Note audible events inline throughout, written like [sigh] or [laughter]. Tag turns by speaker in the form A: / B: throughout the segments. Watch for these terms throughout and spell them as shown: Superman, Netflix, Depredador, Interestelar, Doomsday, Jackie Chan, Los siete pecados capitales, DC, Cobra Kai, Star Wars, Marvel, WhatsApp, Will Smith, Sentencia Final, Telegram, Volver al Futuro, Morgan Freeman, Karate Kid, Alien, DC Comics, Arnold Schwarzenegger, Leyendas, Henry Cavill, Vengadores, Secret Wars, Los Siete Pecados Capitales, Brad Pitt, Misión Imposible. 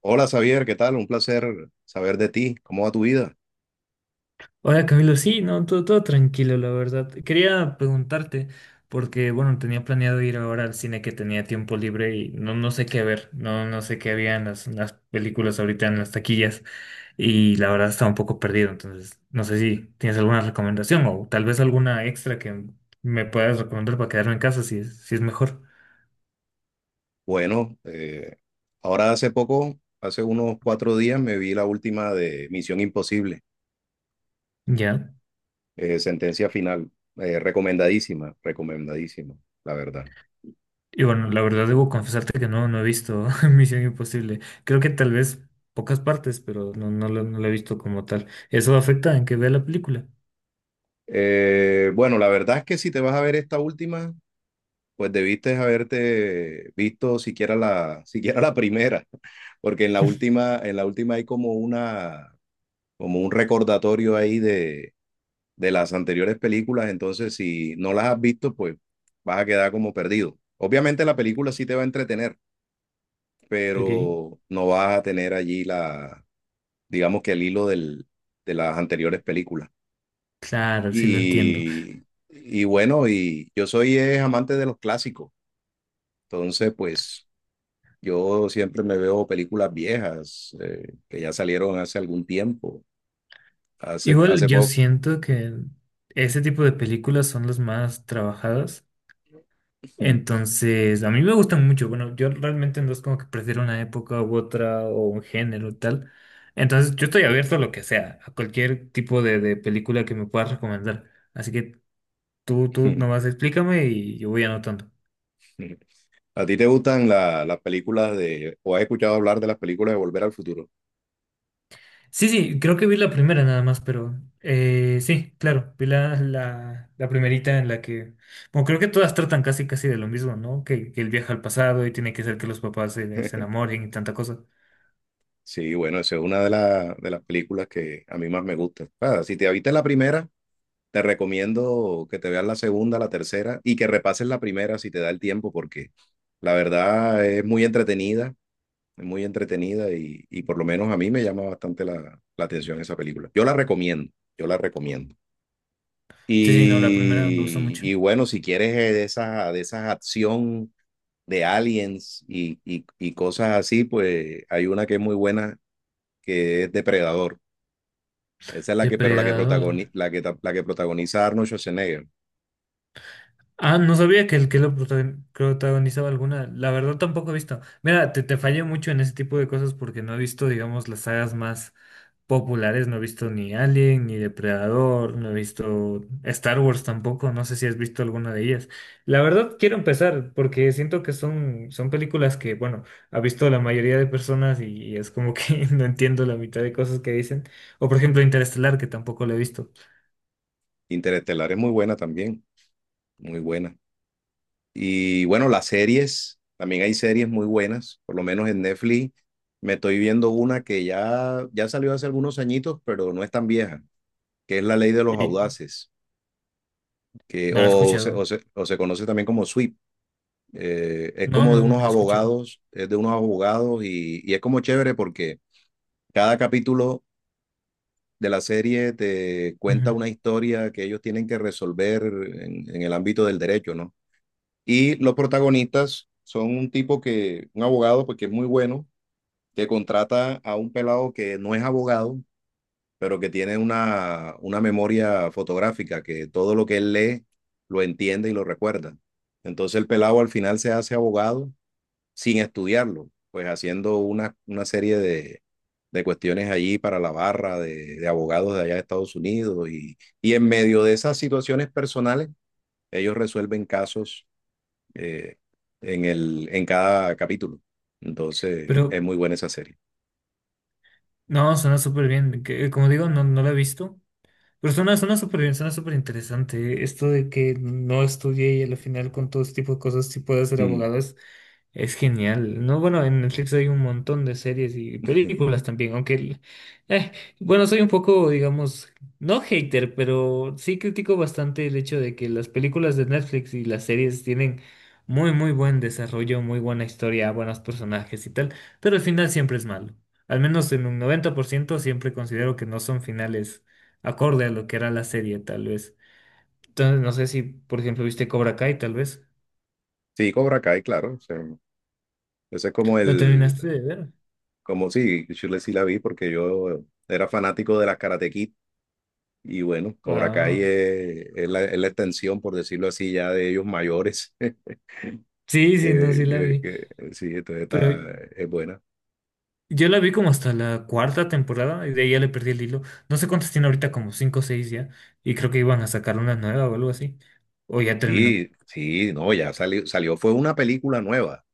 A: Hola Xavier, ¿qué tal? Un placer saber de ti. ¿Cómo va tu vida?
B: Hola Camilo, sí, no, todo tranquilo, la verdad. Quería preguntarte, porque bueno, tenía planeado ir ahora al cine que tenía tiempo libre y no, no sé qué ver, no, no sé qué había en las películas ahorita en las taquillas, y la verdad estaba un poco perdido. Entonces no sé si tienes alguna recomendación o tal vez alguna extra que me puedas recomendar para quedarme en casa si es, si es mejor.
A: Bueno, ahora hace poco, hace unos cuatro días, me vi la última de Misión Imposible,
B: Ya.
A: Sentencia Final. Recomendadísima, la verdad.
B: Y bueno, la verdad debo confesarte que no, no he visto [laughs] Misión Imposible. Creo que tal vez pocas partes, pero no, no lo he visto como tal. ¿Eso afecta en que vea la película?
A: Bueno, la verdad es que si te vas a ver esta última, pues debiste haberte visto [laughs] siquiera la primera, [laughs] porque en la última hay como un recordatorio ahí de las anteriores películas. Entonces, si no las has visto, pues vas a quedar como perdido. Obviamente la película sí te va a entretener,
B: Ok.
A: pero no vas a tener allí digamos que el hilo de las anteriores películas.
B: Claro, sí lo entiendo.
A: Y, y bueno, y yo soy amante de los clásicos, entonces pues yo siempre me veo películas viejas que ya salieron hace algún tiempo,
B: Igual
A: hace
B: yo
A: poco.
B: siento que ese tipo de películas son las más trabajadas. Entonces, a mí me gustan mucho. Bueno, yo realmente no es como que prefiero una época u otra o un género y tal. Entonces, yo estoy abierto a lo que sea, a cualquier tipo de película que me puedas recomendar. Así que tú nomás explícame y yo voy anotando.
A: [laughs] ¿A ti te gustan las películas de, o has escuchado hablar de las películas de Volver al Futuro?
B: Sí, sí, creo que vi la primera nada más, pero sí, claro, vi la primerita en la que, bueno, creo que todas tratan casi casi de lo mismo, ¿no? Que él viaja al pasado y tiene que hacer que los papás se, se enamoren y tanta cosa.
A: Sí, bueno, esa es una de las películas que a mí más me gusta. Ah, si te viste la primera, te recomiendo que te veas la segunda, la tercera y que repases la primera si te da el tiempo, porque la verdad es muy entretenida y por lo menos a mí me llama bastante la atención esa película. Yo la recomiendo, yo la recomiendo.
B: Sí, sí, no, la primera me gustó
A: Y,
B: mucho.
A: y bueno, si quieres de esa acción, de aliens y cosas así, pues hay una que es muy buena, que es Depredador. Esa es la que, pero la que protagoniza,
B: Depredador.
A: la que protagoniza Arnold Schwarzenegger.
B: Ah, no sabía que el que lo protagonizaba alguna. La verdad tampoco he visto. Mira, te fallé mucho en ese tipo de cosas porque no he visto, digamos, las sagas más populares. No he visto ni Alien, ni Depredador, no he visto Star Wars tampoco, no sé si has visto alguna de ellas. La verdad, quiero empezar porque siento que son, son películas que, bueno, ha visto la mayoría de personas, y es como que [laughs] no entiendo la mitad de cosas que dicen. O por ejemplo, Interestelar, que tampoco lo he visto
A: Interestelar es muy buena también, muy buena. Y bueno, las series, también hay series muy buenas. Por lo menos en Netflix me estoy viendo una que ya salió hace algunos añitos, pero no es tan vieja, que es La Ley de los
B: y
A: Audaces, que,
B: no lo he
A: o, se, o
B: escuchado.
A: se, o se conoce también como Sweep. Es
B: No,
A: como de
B: no, no
A: unos
B: lo he escuchado.
A: abogados, es de unos abogados y es como chévere porque cada capítulo de la serie te cuenta
B: Ujú.
A: una historia que ellos tienen que resolver en el ámbito del derecho, ¿no? Y los protagonistas son un abogado, porque es muy bueno, que contrata a un pelado que no es abogado, pero que tiene una memoria fotográfica, que todo lo que él lee lo entiende y lo recuerda. Entonces el pelado al final se hace abogado sin estudiarlo, pues haciendo una serie de cuestiones allí para la barra de abogados de allá de Estados Unidos, y en medio de esas situaciones personales, ellos resuelven casos eh, en cada capítulo. Entonces, es
B: Pero
A: muy buena esa serie.
B: no, suena súper bien. Como digo, no, no lo he visto. Pero suena, suena súper bien, suena súper interesante. ¿Eh? Esto de que no estudié y al final con todo este tipo de cosas sí pueda ser
A: Mm.
B: abogado es genial. No, bueno, en Netflix hay un montón de series y películas
A: [laughs]
B: también, aunque, eh, bueno, soy un poco, digamos, no hater, pero sí critico bastante el hecho de que las películas de Netflix y las series tienen muy, muy buen desarrollo, muy buena historia, buenos personajes y tal, pero el final siempre es malo. Al menos en un 90% siempre considero que no son finales acorde a lo que era la serie, tal vez. Entonces, no sé si, por ejemplo, viste Cobra Kai, tal vez.
A: Sí, Cobra Kai, claro. O sea, ese es como
B: ¿Lo
A: el,
B: terminaste de ver?
A: como sí, yo sí la vi porque yo era fanático de las Karate Kid. Y bueno, Cobra Kai
B: Ah.
A: es la extensión, por decirlo así, ya de ellos mayores.
B: Sí,
A: [laughs]
B: sí, no,
A: que-
B: sí la vi.
A: sí, entonces
B: Pero
A: está, es buena.
B: yo la vi como hasta la cuarta temporada y de ahí ya le perdí el hilo. No sé cuántas tiene ahorita, como cinco o seis ya. Y creo que iban a sacar una nueva o algo así. O ya terminó.
A: Sí, sí, no, ya salió, salió. Fue una película nueva,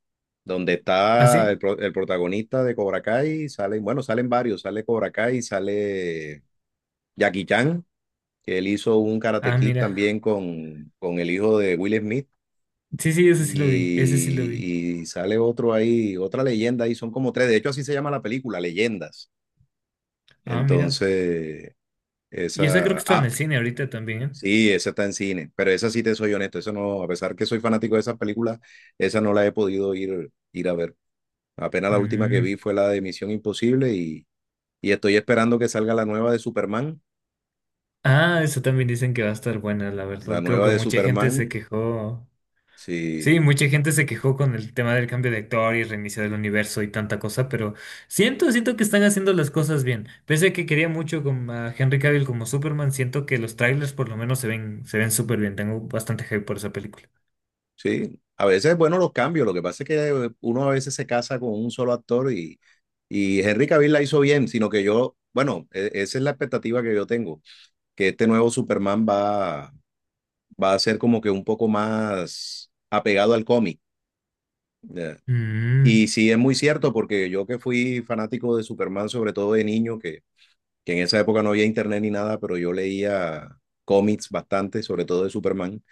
A: donde
B: ¿Ah,
A: está
B: sí?
A: el protagonista de Cobra Kai. Salen, bueno, salen varios, sale Cobra Kai, sale Jackie Chan, que él hizo un Karate
B: Ah,
A: Kid
B: mira.
A: también con el hijo de Will Smith.
B: Sí, sí, ese sí lo vi. Ese sí lo vi.
A: Y sale otro ahí, otra leyenda, y son como tres. De hecho así se llama la película, Leyendas.
B: Ah, mira.
A: Entonces,
B: Y esa creo que
A: esa,
B: está en
A: ah,
B: el cine ahorita también, ¿eh?
A: sí, esa está en cine, pero esa, sí te soy honesto, esa no, a pesar que soy fanático de esas películas, esa no la he podido ir, ir a ver. Apenas la última que
B: Mm.
A: vi fue la de Misión Imposible, y estoy esperando que salga la nueva de Superman,
B: Ah, eso también dicen que va a estar buena, la
A: la
B: verdad. Creo
A: nueva
B: que
A: de
B: mucha gente se
A: Superman,
B: quejó. Sí,
A: sí,
B: mucha gente se quejó con el tema del cambio de actor y reiniciar el universo y tanta cosa, pero siento, siento que están haciendo las cosas bien. Pese a que quería mucho con a Henry Cavill como Superman, siento que los trailers por lo menos se ven súper bien. Tengo bastante hype por esa película.
A: sí. A veces, bueno, los cambios, lo que pasa es que uno a veces se casa con un solo actor, y Henry Cavill la hizo bien, sino que yo, bueno, esa es la expectativa que yo tengo, que este nuevo Superman va a ser como que un poco más apegado al cómic. ¿Ya? Y
B: Mm,
A: sí, es muy cierto, porque yo que fui fanático de Superman, sobre todo de niño, que en esa época no había internet ni nada, pero yo leía cómics bastante, sobre todo de Superman.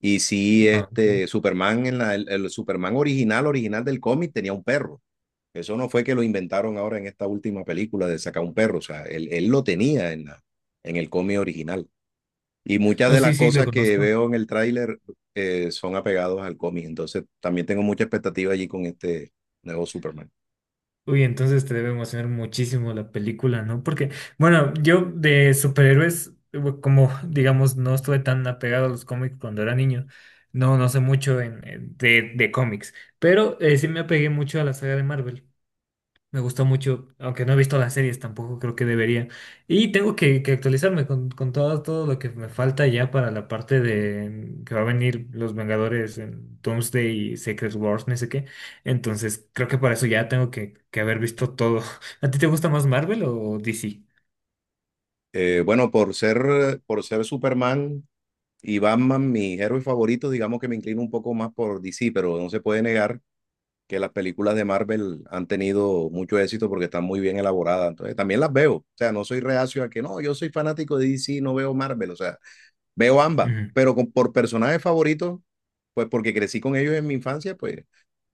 A: Y sí,
B: ah, ok.
A: este Superman, el Superman original, original del cómic, tenía un perro. Eso no fue que lo inventaron ahora en esta última película de sacar un perro. O sea, él lo tenía en el cómic original. Y muchas
B: No,
A: de
B: sí,
A: las
B: sí, lo
A: cosas que
B: conozco.
A: veo en el tráiler son apegados al cómic. Entonces también tengo mucha expectativa allí con este nuevo Superman.
B: Uy, entonces te debe emocionar muchísimo la película, ¿no? Porque, bueno, yo de superhéroes, como digamos, no estuve tan apegado a los cómics cuando era niño, no, no sé mucho de cómics, pero sí me apegué mucho a la saga de Marvel. Me gustó mucho, aunque no he visto las series tampoco, creo que debería. Y tengo que actualizarme con todo, todo lo que me falta ya para la parte de que va a venir los Vengadores en Doomsday y Secret Wars, no sé qué. Entonces, creo que para eso ya tengo que haber visto todo. [laughs] ¿A ti te gusta más Marvel o DC?
A: Bueno, por ser Superman y Batman mis héroes favoritos, digamos que me inclino un poco más por DC, pero no se puede negar que las películas de Marvel han tenido mucho éxito porque están muy bien elaboradas. Entonces, también las veo. O sea, no soy reacio a que no, yo soy fanático de DC, no veo Marvel. O sea, veo ambas,
B: Ujú.
A: pero por personajes favoritos, pues porque crecí con ellos en mi infancia, pues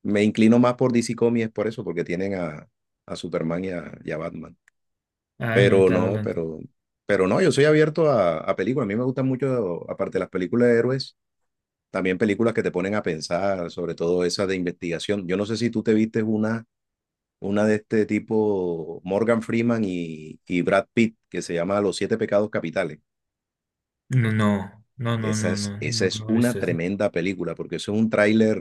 A: me inclino más por DC Comics por eso, porque tienen a Superman y y a Batman.
B: Ah, no,
A: Pero
B: claro, lo
A: no,
B: entiendo.
A: pero, pero no, yo soy abierto a películas. A mí me gustan mucho, aparte de las películas de héroes, también películas que te ponen a pensar, sobre todo esas de investigación. Yo no sé si tú te vistes una de este tipo, Morgan Freeman y Brad Pitt, que se llama Los Siete Pecados Capitales.
B: No, no, no, no, no, no,
A: Esa
B: no,
A: es
B: no he
A: una
B: visto eso.
A: tremenda película, porque eso es un tráiler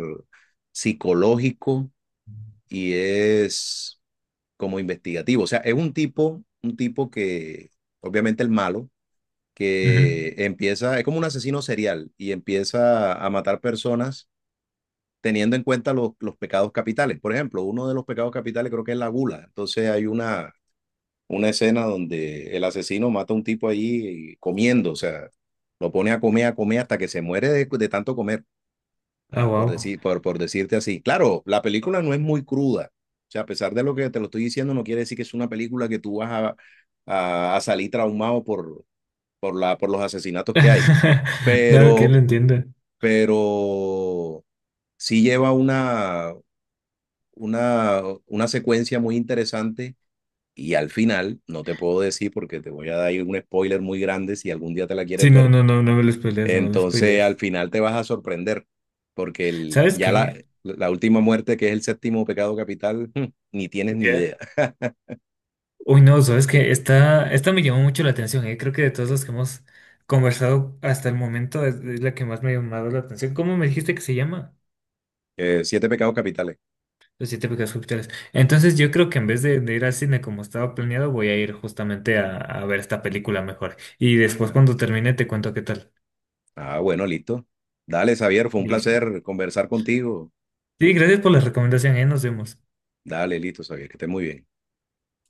A: psicológico y es como investigativo. O sea, es un tipo que, obviamente el malo,
B: Ujú.
A: que empieza, es como un asesino serial y empieza a matar personas teniendo en cuenta los pecados capitales. Por ejemplo, uno de los pecados capitales creo que es la gula. Entonces hay una escena donde el asesino mata a un tipo ahí comiendo. O sea, lo pone a comer hasta que se muere de tanto comer,
B: Ah,
A: por
B: wow.
A: decir, por decirte así. Claro, la película no es muy cruda. O sea, a pesar de lo que te lo estoy diciendo, no quiere decir que es una película que tú vas a salir traumado por los asesinatos que hay.
B: [laughs] No, que lo
A: Pero,
B: entiendo.
A: pero sí lleva una secuencia muy interesante. Y al final, no te puedo decir porque te voy a dar un spoiler muy grande si algún día te la
B: Sí,
A: quieres
B: no,
A: ver.
B: no, no, no me lo spoilees, no me lo
A: Entonces, al
B: spoilees.
A: final te vas a sorprender, porque
B: ¿Sabes qué?
A: la última muerte, que es el séptimo pecado capital, hmm, ni tienes ni idea.
B: Ya. Uy, no, sabes que esta me llamó mucho la atención, ¿eh? Creo que de todos los que hemos conversado hasta el momento es la que más me ha llamado la atención. ¿Cómo me dijiste que se llama?
A: Siete Pecados Capitales.
B: Los 7 pecados capitales. Entonces yo
A: Eh,
B: creo que en vez de ir al cine como estaba planeado, voy a ir justamente a ver esta película mejor. Y después cuando termine te cuento qué tal.
A: Ah, bueno, listo. Dale, Xavier, fue un
B: Listo.
A: placer conversar contigo.
B: Sí, gracias por la recomendación, ¿eh? Nos vemos.
A: Dale, listo, Xavier, que estés muy bien.